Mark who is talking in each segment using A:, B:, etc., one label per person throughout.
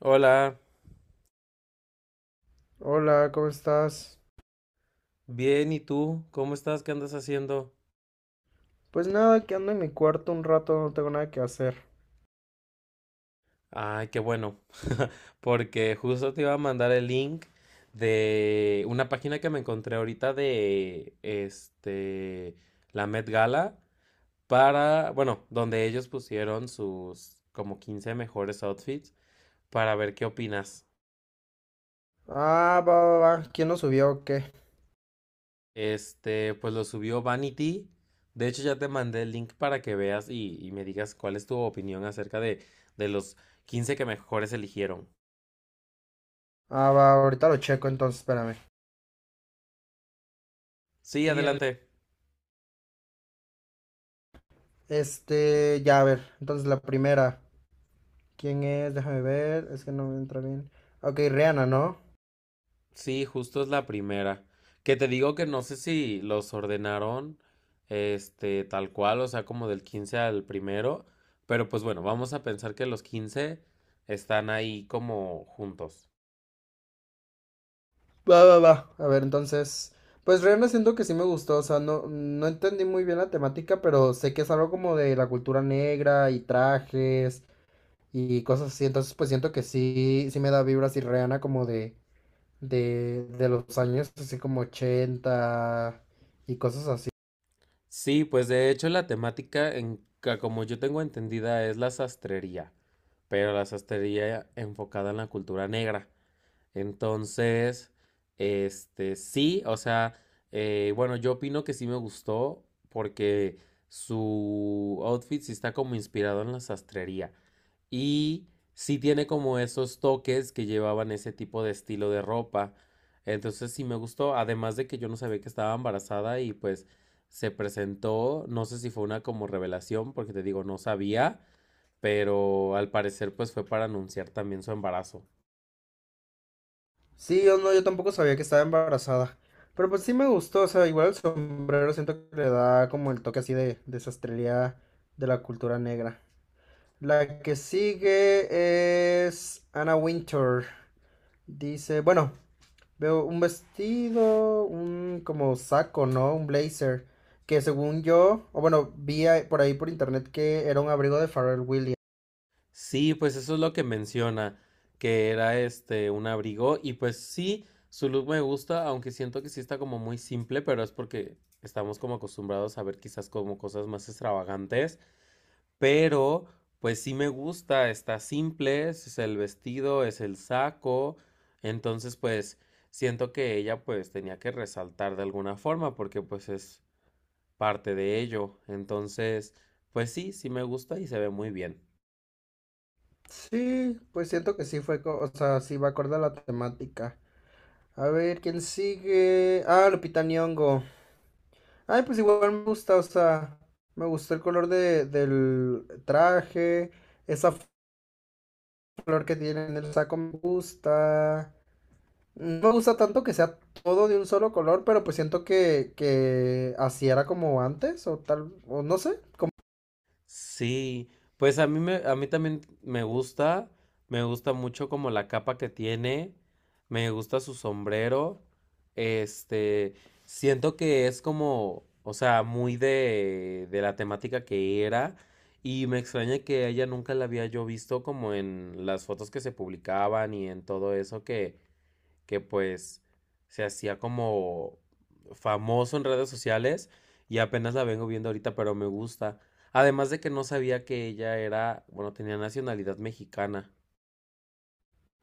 A: Hola,
B: Hola, ¿cómo estás?
A: bien, ¿y tú? ¿Cómo estás? ¿Qué andas haciendo?
B: Pues nada, que ando en mi cuarto un rato, no tengo nada que hacer.
A: Ay, qué bueno, porque justo te iba a mandar el link de una página que me encontré ahorita de la Met Gala para, bueno, donde ellos pusieron sus como 15 mejores outfits para ver qué opinas.
B: Ah, va, va, va. ¿Quién lo subió o qué?
A: Pues lo subió Vanity. De hecho, ya te mandé el link para que veas y me digas cuál es tu opinión acerca de los 15 que mejores eligieron.
B: Ah, va, ahorita lo checo, entonces espérame.
A: Sí, adelante.
B: Este, ya a ver. Entonces la primera. ¿Quién es? Déjame ver. Es que no me entra bien. Ok, Rihanna, ¿no?
A: Sí, justo es la primera. Que te digo que no sé si los ordenaron, tal cual, o sea, como del 15 al primero, pero pues bueno, vamos a pensar que los 15 están ahí como juntos.
B: Va, va, va. A ver, entonces. Pues Rihanna siento que sí me gustó. O sea, no, no entendí muy bien la temática, pero sé que es algo como de la cultura negra y trajes y cosas así. Entonces, pues siento que sí, sí me da vibras y Rihanna como de los años así como 80 y cosas así.
A: Sí, pues de hecho la temática, como yo tengo entendida, es la sastrería, pero la sastrería enfocada en la cultura negra. Entonces, sí, o sea, bueno, yo opino que sí me gustó porque su outfit sí está como inspirado en la sastrería y sí tiene como esos toques que llevaban ese tipo de estilo de ropa. Entonces sí me gustó, además de que yo no sabía que estaba embarazada y pues se presentó, no sé si fue una como revelación, porque te digo, no sabía, pero al parecer pues fue para anunciar también su embarazo.
B: Sí, yo no, yo tampoco sabía que estaba embarazada. Pero pues sí me gustó, o sea, igual el sombrero siento que le da como el toque así de sastrería de la cultura negra. La que sigue es Anna Winter. Dice, bueno, veo un vestido, un como saco, ¿no? Un blazer. Que según yo, o bueno, por ahí por internet que era un abrigo de Pharrell Williams.
A: Sí, pues eso es lo que menciona, que era este un abrigo y pues sí, su look me gusta, aunque siento que sí está como muy simple, pero es porque estamos como acostumbrados a ver quizás como cosas más extravagantes, pero pues sí me gusta, está simple, es el vestido, es el saco, entonces pues siento que ella pues tenía que resaltar de alguna forma porque pues es parte de ello, entonces pues sí, sí me gusta y se ve muy bien.
B: Sí, pues siento que o sea, sí va acorde a la temática. A ver, ¿quién sigue? Ah, Lupita Nyong'o. Ay, pues igual me gusta, o sea, me gustó el color de, del traje, esa flor que tiene en el saco me gusta. No me gusta tanto que sea todo de un solo color, pero pues siento que así era como antes, o tal, o no sé.
A: Sí, pues a mí también me gusta mucho como la capa que tiene, me gusta su sombrero, este, siento que es como, o sea, muy de la temática que era y me extraña que a ella nunca la había yo visto como en las fotos que se publicaban y en todo eso que pues se hacía como famoso en redes sociales y apenas la vengo viendo ahorita, pero me gusta. Además de que no sabía que ella era, bueno, tenía nacionalidad mexicana.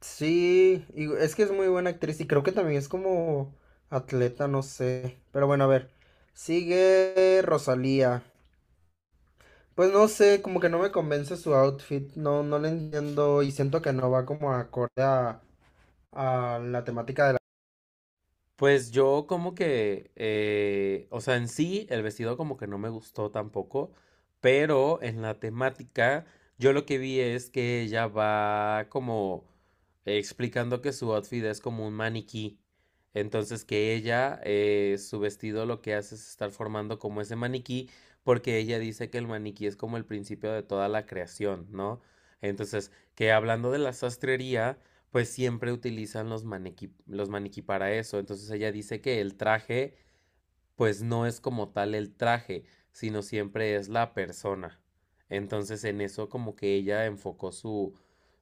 B: Sí, y es que es muy buena actriz y creo que también es como atleta, no sé. Pero bueno, a ver. Sigue Rosalía. Pues no sé, como que no me convence su outfit, no, no le entiendo y siento que no va como acorde a la temática de la...
A: Pues yo como que, o sea, en sí el vestido como que no me gustó tampoco, pero en la temática yo lo que vi es que ella va como explicando que su outfit es como un maniquí, entonces que ella, su vestido lo que hace es estar formando como ese maniquí, porque ella dice que el maniquí es como el principio de toda la creación, ¿no? Entonces, que hablando de la sastrería, pues siempre utilizan los maniquí para eso. Entonces ella dice que el traje, pues no es como tal el traje, sino siempre es la persona. Entonces en eso como que ella enfocó su,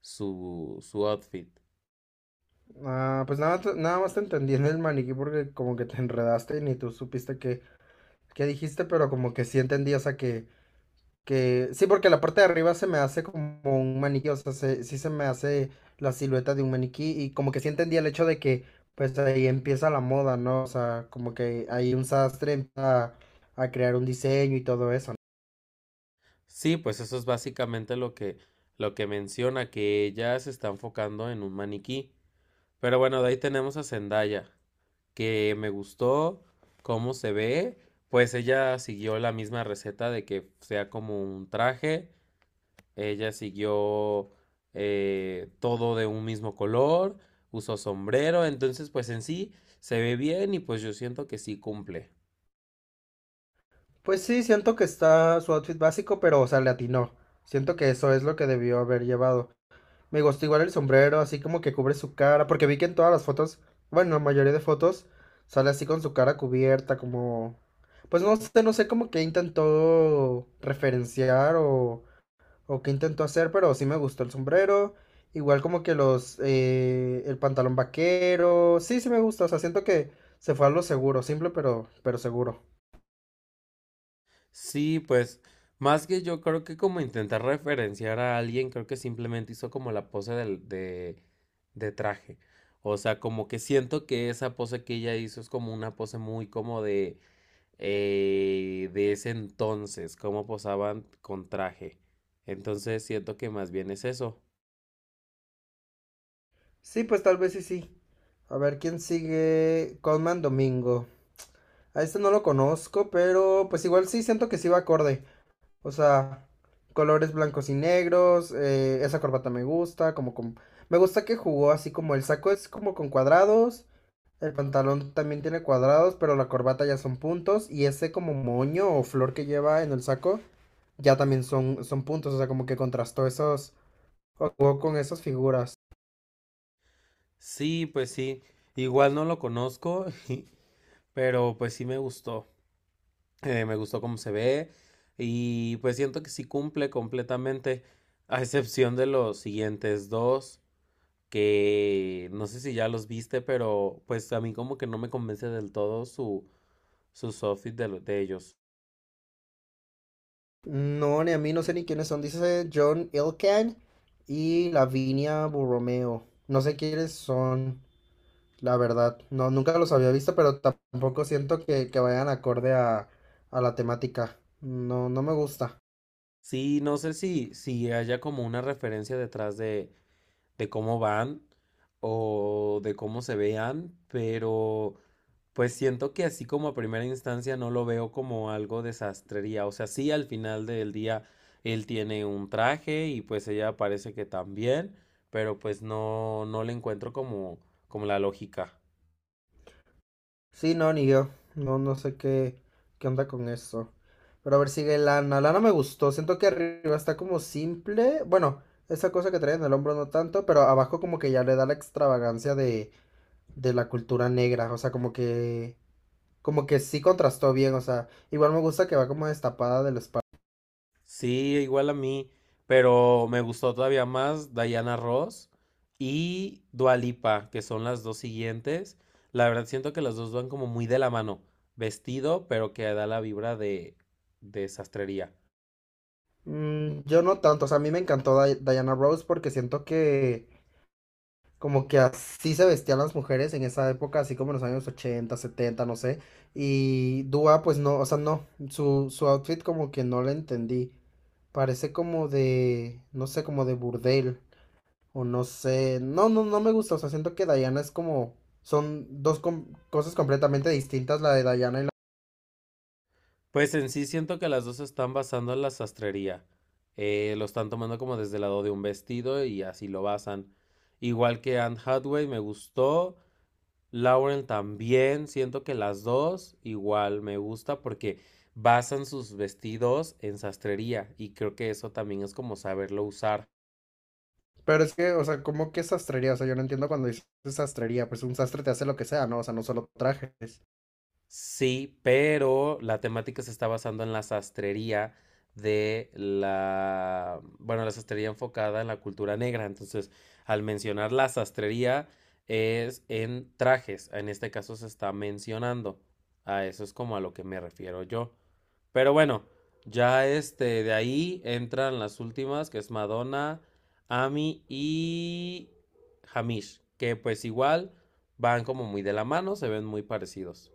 A: su, su outfit.
B: Ah, pues nada, nada más te entendí en el maniquí porque como que te enredaste y ni tú supiste qué, qué dijiste, pero como que sí entendí, o sea, que sí, porque la parte de arriba se me hace como un maniquí, o sea, sí se me hace la silueta de un maniquí y como que sí entendía el hecho de que pues ahí empieza la moda, ¿no? O sea, como que ahí un sastre empieza a crear un diseño y todo eso, ¿no?
A: Sí, pues eso es básicamente lo que menciona, que ella se está enfocando en un maniquí. Pero bueno, de ahí tenemos a Zendaya, que me gustó cómo se ve. Pues ella siguió la misma receta de que sea como un traje. Ella siguió todo de un mismo color, usó sombrero, entonces pues en sí se ve bien y pues yo siento que sí cumple.
B: Pues sí, siento que está su outfit básico, pero o sea, le atinó. Siento que eso es lo que debió haber llevado. Me gustó igual el sombrero, así como que cubre su cara, porque vi que en todas las fotos, bueno, la mayoría de fotos sale así con su cara cubierta, como, pues no sé, no sé como que intentó referenciar o qué intentó hacer, pero sí me gustó el sombrero, igual como que los, el pantalón vaquero, sí, sí me gusta, o sea, siento que se fue a lo seguro, simple pero seguro.
A: Sí, pues más que yo creo que como intentar referenciar a alguien, creo que simplemente hizo como la pose de traje. O sea, como que siento que esa pose que ella hizo es como una pose muy como de ese entonces, como posaban con traje. Entonces siento que más bien es eso.
B: Sí, pues tal vez sí, sí. A ver quién sigue. Conman Domingo. A este no lo conozco, pero pues igual sí siento que sí va acorde. O sea, colores blancos y negros, esa corbata me gusta, como con... Me gusta que jugó así como el saco es como con cuadrados, el pantalón también tiene cuadrados, pero la corbata ya son puntos y ese como moño o flor que lleva en el saco ya también son, son puntos, o sea, como que contrastó esos, o jugó con esas figuras.
A: Sí, pues sí, igual no lo conozco, pero pues sí me gustó cómo se ve y pues siento que sí cumple completamente, a excepción de los siguientes dos, que no sé si ya los viste, pero pues a mí como que no me convence del todo sus outfits de ellos.
B: No, ni a mí no sé ni quiénes son. Dice John Ilken y Lavinia Borromeo. No sé quiénes son, la verdad. No, nunca los había visto, pero tampoco siento que vayan acorde a la temática. No, no me gusta.
A: Sí, no sé si haya como una referencia detrás de cómo van o de cómo se vean, pero... Pues siento que así como a primera instancia no lo veo como algo de sastrería. O sea, sí, al final del día él tiene un traje y pues ella parece que también, pero pues no, no le encuentro como la lógica.
B: Sí, no, ni yo. No, no sé qué, qué onda con eso. Pero a ver, sigue Lana. Lana me gustó. Siento que arriba está como simple. Bueno, esa cosa que trae en el hombro no tanto, pero abajo como que ya le da la extravagancia de la cultura negra. O sea, como que sí contrastó bien, o sea, igual me gusta que va como destapada de la espalda.
A: Sí, igual a mí, pero me gustó todavía más Diana Ross y Dua Lipa, que son las dos siguientes. La verdad siento que las dos van como muy de la mano. Vestido, pero que da la vibra de sastrería.
B: Mm, yo no tanto, o sea, a mí me encantó Diana Rose porque siento que como que así se vestían las mujeres en esa época, así como en los años 80, 70, no sé. Y Dua, pues no, o sea, no, su outfit como que no la entendí. Parece como de, no sé, como de burdel, o no sé, no, no, no me gusta, o sea, siento que Diana es como, son dos cosas completamente distintas, la de Diana y la...
A: Pues en sí siento que las dos están basando en la sastrería. Lo están tomando como desde el lado de un vestido y así lo basan. Igual que Anne Hathaway me gustó, Lauren también, siento que las dos igual me gusta porque basan sus vestidos en sastrería y creo que eso también es como saberlo usar.
B: Pero es que, o sea, ¿cómo que sastrería? O sea, yo no entiendo cuando dices sastrería. Pues un sastre te hace lo que sea, ¿no? O sea, no solo trajes.
A: Sí, pero la temática se está basando en la sastrería de la, bueno, la sastrería enfocada en la cultura negra. Entonces, al mencionar la sastrería es en trajes. En este caso se está mencionando. A eso es como a lo que me refiero yo. Pero bueno, ya de ahí entran las últimas, que es Madonna, Ami y Hamish, que pues igual van como muy de la mano, se ven muy parecidos.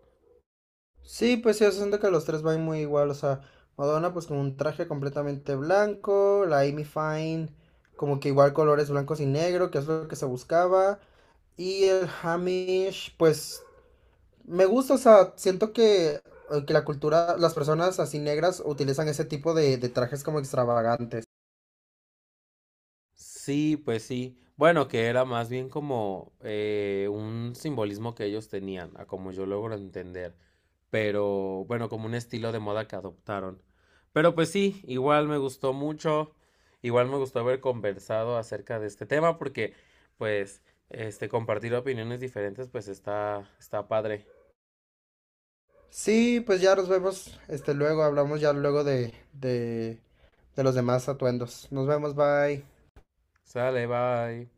B: Sí, pues sí, yo siento que los tres van muy igual, o sea, Madonna pues con un traje completamente blanco, la Amy Fine como que igual colores blancos y negro, que es lo que se buscaba, y el Hamish pues me gusta, o sea, siento que la cultura, las personas así negras utilizan ese tipo de trajes como extravagantes.
A: Sí, pues sí. Bueno, que era más bien como un simbolismo que ellos tenían, a como yo logro entender. Pero bueno, como un estilo de moda que adoptaron. Pero pues sí, igual me gustó mucho. Igual me gustó haber conversado acerca de este tema porque, pues, compartir opiniones diferentes, pues está, padre.
B: Sí, pues ya nos vemos, este, luego hablamos ya luego de los demás atuendos. Nos vemos, bye.
A: Sale, bye.